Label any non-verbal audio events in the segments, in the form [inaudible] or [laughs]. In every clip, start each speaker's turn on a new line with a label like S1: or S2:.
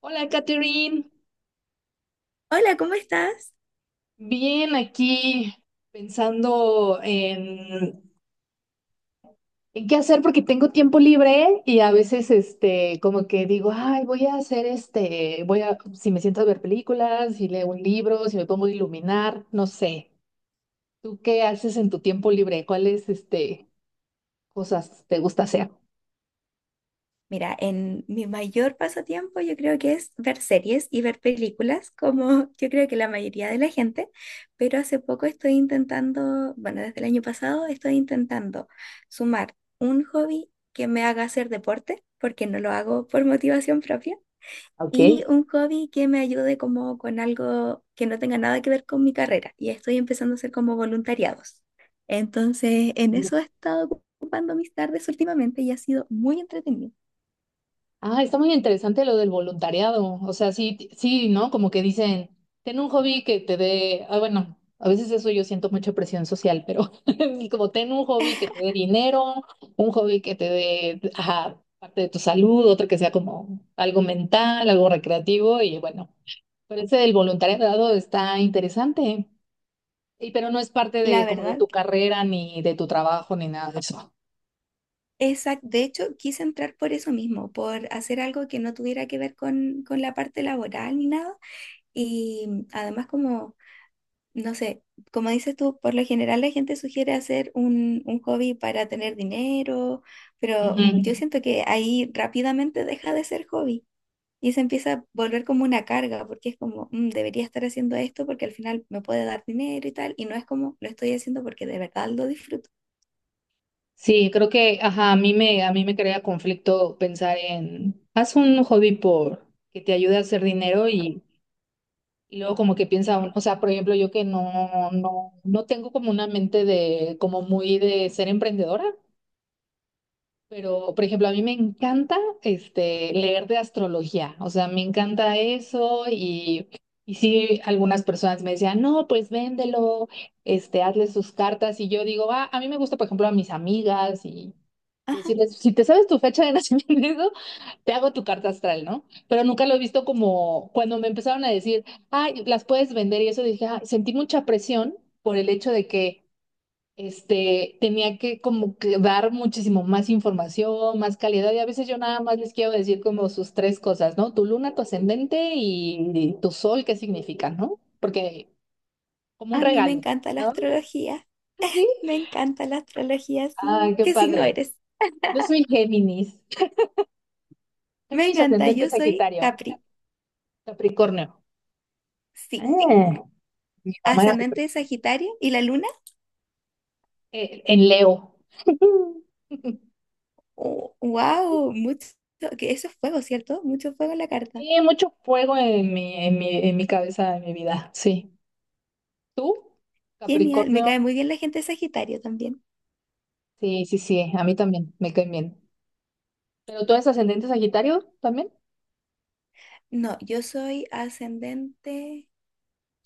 S1: Hola, Catherine.
S2: Hola, ¿cómo estás?
S1: Bien, aquí pensando en qué hacer porque tengo tiempo libre y a veces, este, como que digo, ay, voy a hacer este, voy a, si me siento a ver películas, si leo un libro, si me pongo a iluminar, no sé. ¿Tú qué haces en tu tiempo libre? ¿Cuál es, este, cosas te gusta hacer?
S2: Mira, en mi mayor pasatiempo yo creo que es ver series y ver películas, como yo creo que la mayoría de la gente, pero hace poco estoy intentando, bueno, desde el año pasado estoy intentando sumar un hobby que me haga hacer deporte, porque no lo hago por motivación propia,
S1: Ok.
S2: y un hobby que me ayude como con algo que no tenga nada que ver con mi carrera. Y estoy empezando a hacer como voluntariados. Entonces, en eso he estado ocupando mis tardes últimamente y ha sido muy entretenido.
S1: Ah, está muy interesante lo del voluntariado. O sea, sí, sí, ¿no? Como que dicen, ten un hobby que te dé, ah, bueno, a veces eso yo siento mucha presión social, pero [laughs] como ten un hobby que te dé dinero, un hobby que te dé, ajá, parte de tu salud, otro que sea como algo mental, algo recreativo y bueno, pero ese del voluntariado está interesante. Y pero no es parte
S2: La
S1: de como de
S2: verdad,
S1: tu carrera ni de tu trabajo ni nada de eso.
S2: esa, de hecho, quise entrar por eso mismo, por hacer algo que no tuviera que ver con la parte laboral ni nada. Y además como no sé, como dices tú, por lo general la gente sugiere hacer un hobby para tener dinero, pero yo
S1: Ujú.
S2: siento que ahí rápidamente deja de ser hobby y se empieza a volver como una carga, porque es como, debería estar haciendo esto porque al final me puede dar dinero y tal, y no es como, lo estoy haciendo porque de verdad lo disfruto".
S1: Sí, creo que, ajá, a mí me crea conflicto pensar en, haz un hobby por que te ayude a hacer dinero y luego como que piensa, o sea, por ejemplo, yo que no tengo como una mente de, como muy de ser emprendedora, pero, por ejemplo, a mí me encanta, este, leer de astrología, o sea, me encanta eso y sí, algunas personas me decían, no, pues véndelo, este, hazle sus cartas y yo digo, ah, a mí me gusta, por ejemplo, a mis amigas y
S2: Ajá,
S1: decirles, si te sabes tu fecha de nacimiento, [laughs] te hago tu carta astral, ¿no? Pero nunca lo he visto como cuando me empezaron a decir, ay, las puedes vender y eso dije, "Ah", sentí mucha presión por el hecho de que este tenía que como que dar muchísimo más información, más calidad y a veces yo nada más les quiero decir como sus tres cosas, ¿no? Tu luna, tu ascendente y tu sol, ¿qué significa, no? Porque como un
S2: a mí me
S1: regalo,
S2: encanta la
S1: ¿no?
S2: astrología,
S1: [laughs] Sí.
S2: me encanta la astrología, sí.
S1: Ay, qué
S2: ¿Qué signo
S1: padre.
S2: eres?
S1: Yo soy Géminis.
S2: Me
S1: Géminis
S2: encanta,
S1: ascendente
S2: yo soy
S1: Sagitario.
S2: Capri,
S1: Capricornio.
S2: sí.
S1: Así mm, mi mamá era
S2: Ascendente
S1: súper
S2: de Sagitario y la luna.
S1: en Leo. [laughs]
S2: Wow, mucho, que eso es fuego, ¿cierto? Mucho fuego en la carta.
S1: Sí, mucho fuego en mi cabeza, en mi vida. Sí. ¿Tú?
S2: Genial, me
S1: Capricornio.
S2: cae muy bien la gente de Sagitario también.
S1: Sí, sí, sí. A mí también. Me caen bien. ¿Pero tú eres ascendente Sagitario también?
S2: No, yo soy ascendente.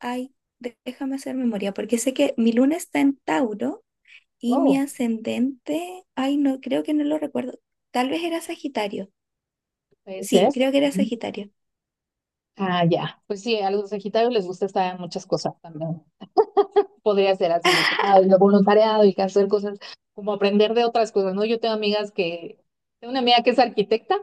S2: Ay, déjame hacer memoria, porque sé que mi luna está en Tauro y mi
S1: Oh,
S2: ascendente, ay, no, creo que no lo recuerdo. Tal vez era Sagitario.
S1: puede ser.
S2: Sí, creo que era
S1: Ujú.
S2: Sagitario.
S1: Ah, ya. Pues sí, a los Sagitarios les gusta estar en muchas cosas también. Podría ser así, de que, ay, lo voluntariado y que hacer cosas, como aprender de otras cosas, ¿no? Yo tengo amigas que, tengo una amiga que es arquitecta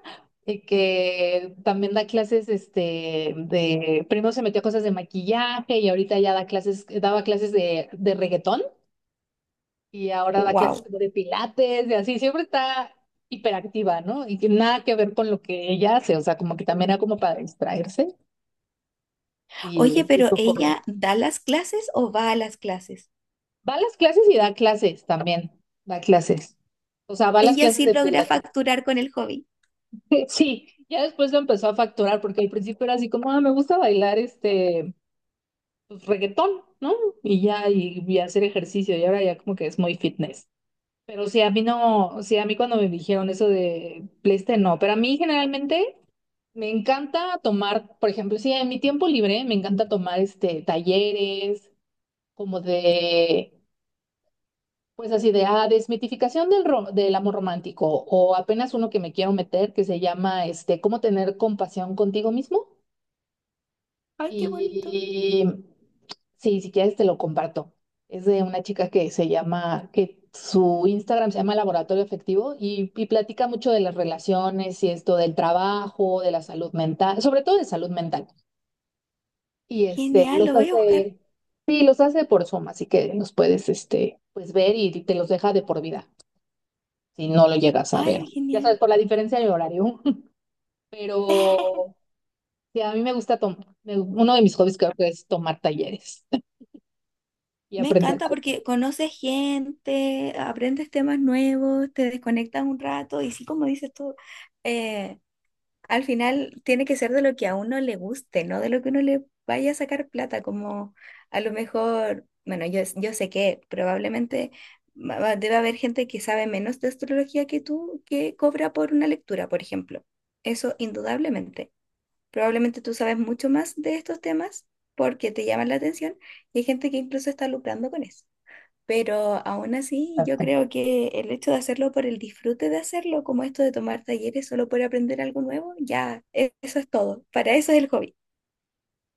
S1: y que también da clases, este, de, primero se metió a cosas de maquillaje y ahorita ya da clases, daba clases de reggaetón y ahora da clases
S2: Wow.
S1: como de pilates y así, siempre está hiperactiva, ¿no? Y que nada que ver con lo que ella hace, o sea, como que también era como para distraerse
S2: Oye,
S1: y
S2: pero
S1: esto fue.
S2: ¿ella da las clases o va a las clases?
S1: Va a las clases y da clases también. Da clases. O sea, va a las
S2: Ella
S1: clases
S2: sí
S1: de
S2: logra
S1: pilates. [laughs]
S2: facturar con el hobby.
S1: Sí, ya después lo empezó a facturar porque al principio era así como, ah, me gusta bailar este pues, reggaetón, ¿no? Y ya, y hacer ejercicio. Y ahora ya como que es muy fitness. Pero sí, a mí no, sí, a mí cuando me dijeron eso de PlayStation, no. Pero a mí generalmente me encanta tomar, por ejemplo, sí, en mi tiempo libre me encanta tomar este talleres como de pues así de, ah, desmitificación del, del amor romántico o apenas uno que me quiero meter que se llama, este, cómo tener compasión contigo mismo.
S2: Ay, qué bonito.
S1: Y sí, si quieres te lo comparto. Es de una chica que se llama, que su Instagram se llama Laboratorio Afectivo y platica mucho de las relaciones y esto del trabajo, de la salud mental, sobre todo de salud mental. Y este,
S2: Genial,
S1: los
S2: lo voy a buscar.
S1: hace, sí, los hace por Zoom, así que los puedes, este, pues ver y te los deja de por vida si no lo llegas a ver.
S2: Ay,
S1: Ya
S2: genial.
S1: sabes, por la diferencia de horario. [laughs]
S2: [laughs]
S1: Pero sí, a mí me gusta tomar. Uno de mis hobbies creo que es tomar talleres [laughs] y
S2: Me
S1: aprender
S2: encanta
S1: cosas.
S2: porque conoces gente, aprendes temas nuevos, te desconectas un rato y sí, como dices tú, eh, al final tiene que ser de lo que a uno le guste, no de lo que uno le vaya a sacar plata, como a lo mejor, bueno, yo sé que probablemente debe haber gente que sabe menos de astrología que tú, que cobra por una lectura, por ejemplo. Eso indudablemente. Probablemente tú sabes mucho más de estos temas porque te llaman la atención y hay gente que incluso está lucrando con eso. Pero aún así, yo
S1: Exacto.
S2: creo que el hecho de hacerlo por el disfrute de hacerlo, como esto de tomar talleres solo por aprender algo nuevo, ya eso es todo. Para eso es el hobby.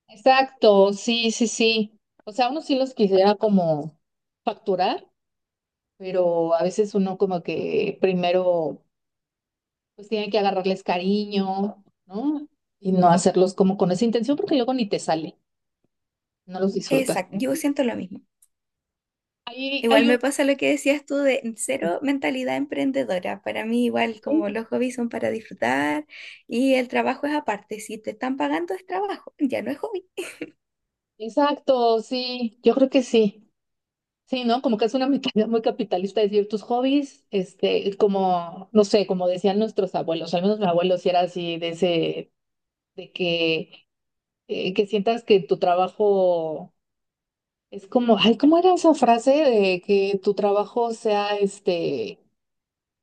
S1: Exacto, sí, sí, sí. O sea, uno sí los quisiera como facturar, pero a veces uno como que primero pues tiene que agarrarles cariño, ¿no? Y no hacerlos como con esa intención porque luego ni te sale, no los disfrutas.
S2: Exacto, yo siento lo mismo.
S1: Hay,
S2: Igual
S1: hay
S2: me
S1: un...
S2: pasa lo que decías tú de cero mentalidad emprendedora. Para mí igual como los hobbies son para disfrutar y el trabajo es aparte. Si te están pagando es trabajo, ya no es hobby.
S1: Exacto, sí, yo creo que sí. Sí, ¿no? Como que es una [laughs] mentalidad muy capitalista decir tus hobbies, este, como, no sé, como decían nuestros abuelos, al menos mi abuelo sí era así, de ese, de que sientas que tu trabajo es como, ay, ¿cómo era esa frase de que tu trabajo sea, este,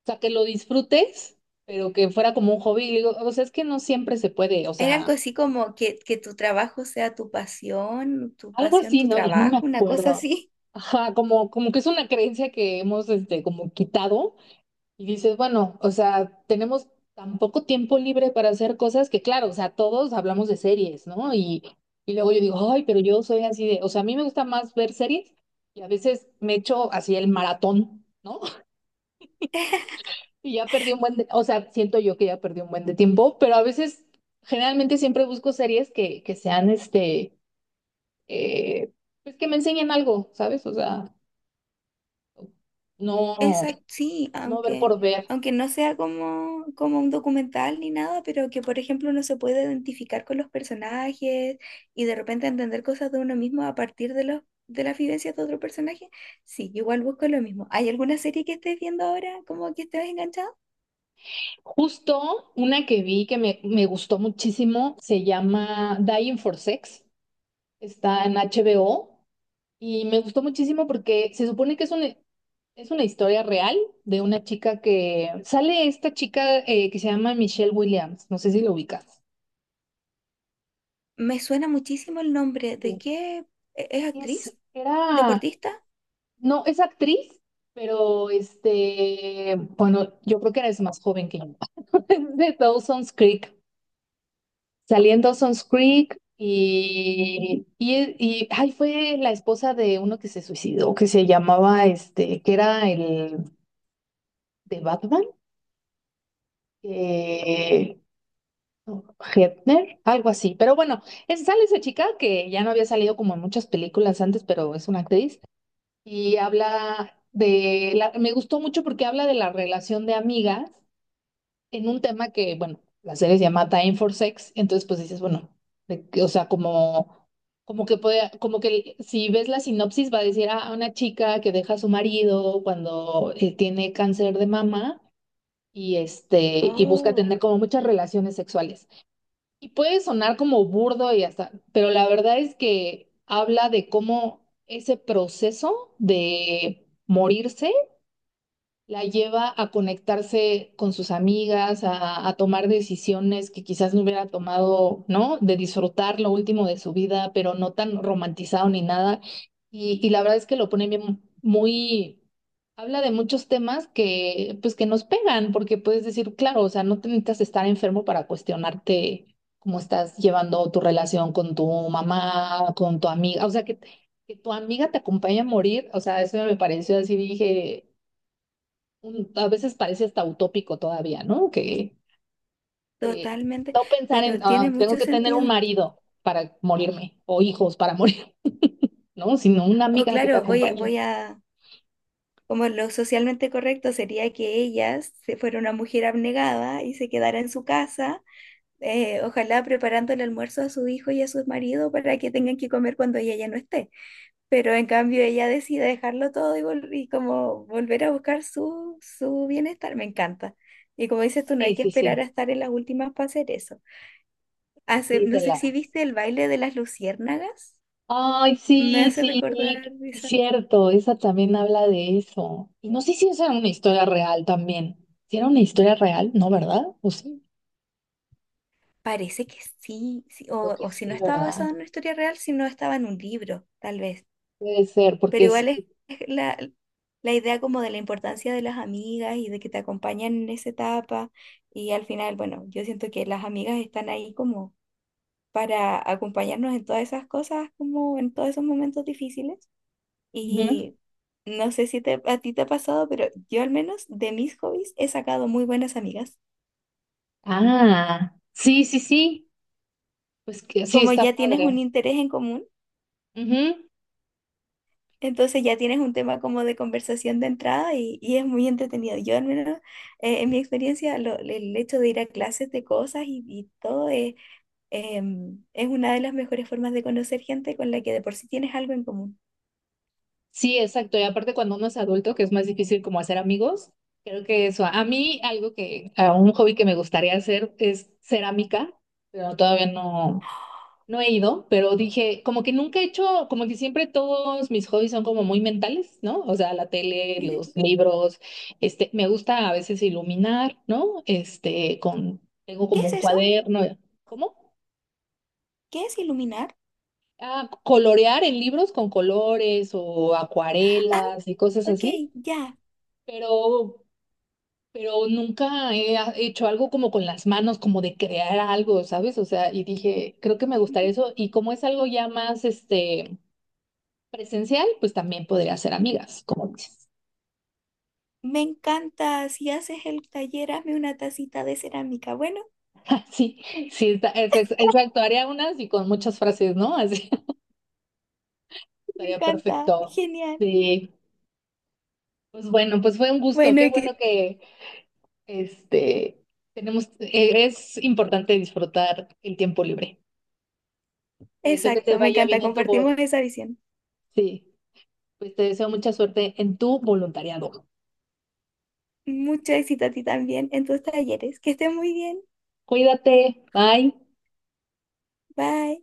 S1: o sea, que lo disfrutes, pero que fuera como un hobby? Y digo, o sea, es que no siempre se puede, o
S2: Era
S1: sea,
S2: algo así como que tu trabajo sea tu pasión, tu
S1: algo
S2: pasión,
S1: así,
S2: tu
S1: ¿no? Ya no me
S2: trabajo, una cosa
S1: acuerdo.
S2: así.
S1: Ajá, como, como que es una creencia que hemos, este, como quitado. Y dices, bueno, o sea, tenemos tan poco tiempo libre para hacer cosas que, claro, o sea, todos hablamos de series, ¿no? Y luego yo digo, ay, pero yo soy así de, o sea, a mí me gusta más ver series y a veces me echo así el maratón, ¿no? [laughs] Y ya perdí un buen de, o sea, siento yo que ya perdí un buen de tiempo, pero a veces, generalmente siempre busco series que sean, este, eh, pues que me enseñen algo, ¿sabes? O sea,
S2: [laughs]
S1: no,
S2: Exacto, sí,
S1: no ver por ver.
S2: aunque no sea como, como un documental ni nada, pero que por ejemplo uno se puede identificar con los personajes y de repente entender cosas de uno mismo a partir de las vivencias de otro personaje. Sí, yo igual busco lo mismo. ¿Hay alguna serie que estés viendo ahora como que estés enganchado?
S1: Justo una que vi que me gustó muchísimo se llama Dying for Sex, está en HBO y me gustó muchísimo porque se supone que es una historia real de una chica que sale esta chica que se llama Michelle Williams, no sé si lo ubicas.
S2: Me suena muchísimo el nombre. ¿De
S1: Sí.
S2: qué? Es actriz?
S1: Es, era,
S2: ¿Deportista?
S1: no, es actriz, pero este, bueno, yo creo que eres más joven que yo, [laughs] es de Dawson's Creek. Salí en Dawson's Creek y ay, fue la esposa de uno que se suicidó, que se llamaba este, que era el de Batman, eh, Hefner, algo así. Pero bueno, sale esa chica que ya no había salido como en muchas películas antes, pero es una actriz y habla de la, me gustó mucho porque habla de la relación de amigas en un tema que, bueno, la serie se llama Time for Sex, entonces pues dices, bueno, o sea, como, como que puede, como que si ves la sinopsis va a decir, ah, una chica que deja a su marido cuando tiene cáncer de mama y este, y busca
S2: Oh.
S1: tener como muchas relaciones sexuales. Y puede sonar como burdo y hasta, pero la verdad es que habla de cómo ese proceso de morirse la lleva a conectarse con sus amigas, a tomar decisiones que quizás no hubiera tomado, ¿no? De disfrutar lo último de su vida, pero no tan romantizado ni nada. Y la verdad es que lo pone bien, muy, habla de muchos temas que, pues, que nos pegan, porque puedes decir, claro, o sea, no te necesitas estar enfermo para cuestionarte cómo estás llevando tu relación con tu mamá, con tu amiga, o sea, que tu amiga te acompaña a morir, o sea, eso me pareció así, dije a veces parece hasta utópico todavía, ¿no? Que
S2: Totalmente,
S1: no pensar en,
S2: pero tiene
S1: "Ah, tengo
S2: mucho
S1: que tener un
S2: sentido.
S1: marido para morirme o hijos para morir, [laughs] ¿no? Sino una
S2: O
S1: amiga que te
S2: claro,
S1: acompañe.
S2: como lo socialmente correcto sería que ella se fuera una mujer abnegada y se quedara en su casa, ojalá preparando el almuerzo a su hijo y a su marido para que tengan que comer cuando ella ya no esté. Pero en cambio ella decide dejarlo todo y, y como volver a buscar su bienestar, me encanta. Y como dices tú, no
S1: Sí,
S2: hay que
S1: sí,
S2: esperar
S1: sí,
S2: a estar en las últimas para hacer eso. Hace,
S1: sí, se
S2: no sé
S1: la.
S2: si viste el baile de las luciérnagas.
S1: Ay,
S2: Me
S1: sí,
S2: hace
S1: sí,
S2: recordar
S1: es
S2: esa.
S1: cierto, esa también habla de eso. Y no sé si esa era una historia real también. Si era una historia real, ¿no, verdad? ¿O sí?
S2: Parece que sí, sí,
S1: Creo
S2: O,
S1: que
S2: o si no
S1: sí,
S2: estaba
S1: ¿verdad?
S2: basado en una historia real, si no estaba en un libro, tal vez.
S1: Puede ser, porque
S2: Pero
S1: es...
S2: igual es la, la idea como de la importancia de las amigas y de que te acompañan en esa etapa. Y al final, bueno, yo siento que las amigas están ahí como para acompañarnos en todas esas cosas, como en todos esos momentos difíciles.
S1: Ujú.
S2: Y no sé si a ti te ha pasado, pero yo al menos de mis hobbies he sacado muy buenas amigas.
S1: Ah, sí, sí, sí. Pues que sí,
S2: Como
S1: está
S2: ya tienes un
S1: padre.
S2: interés en común.
S1: Ujú.
S2: Entonces ya tienes un tema como de conversación de entrada y es muy entretenido. Yo al menos, en mi experiencia, el hecho de ir a clases de cosas y todo es, es una de las mejores formas de conocer gente con la que de por sí tienes algo en común.
S1: Sí, exacto. Y aparte cuando uno es adulto, que es más difícil como hacer amigos, creo que eso, a mí algo que, a un hobby que me gustaría hacer es cerámica, pero todavía no, no he ido, pero dije, como que nunca he hecho, como que siempre todos mis hobbies son como muy mentales, ¿no? O sea, la
S2: [gasps]
S1: tele,
S2: Ujú.
S1: los libros, este, me gusta a veces iluminar, ¿no? Este, con, tengo
S2: ¿Qué
S1: como
S2: es
S1: un
S2: eso?
S1: cuaderno, ¿cómo?
S2: ¿Qué es iluminar?
S1: Ah, colorear en libros con colores o
S2: Ah,
S1: acuarelas y cosas
S2: ok,
S1: así.
S2: ya.
S1: pero, pero nunca hecho algo como con las manos, como de crear algo, ¿sabes? O sea, y dije, creo que me
S2: Ujú.
S1: gustaría eso. Y como es algo ya más, este, presencial, pues también podría ser amigas, como dices.
S2: Me encanta. Si haces el taller, hazme una tacita de cerámica. Bueno,
S1: [laughs] Sí, sí, exacto, haría unas y con muchas frases, ¿no? Así, [laughs]
S2: me
S1: estaría
S2: encanta.
S1: perfecto.
S2: Genial.
S1: Sí, pues bueno, pues fue un gusto,
S2: Bueno,
S1: qué
S2: y
S1: bueno
S2: que,
S1: que, este, tenemos, es importante disfrutar el tiempo libre. Te deseo que te
S2: exacto, me
S1: vaya
S2: encanta.
S1: bien en tu boda.
S2: Compartimos esa visión.
S1: Sí. Pues te deseo mucha suerte en tu voluntariado.
S2: Mucho éxito a ti también en tus talleres. Que estés muy bien.
S1: Cuídate, bye.
S2: Bye.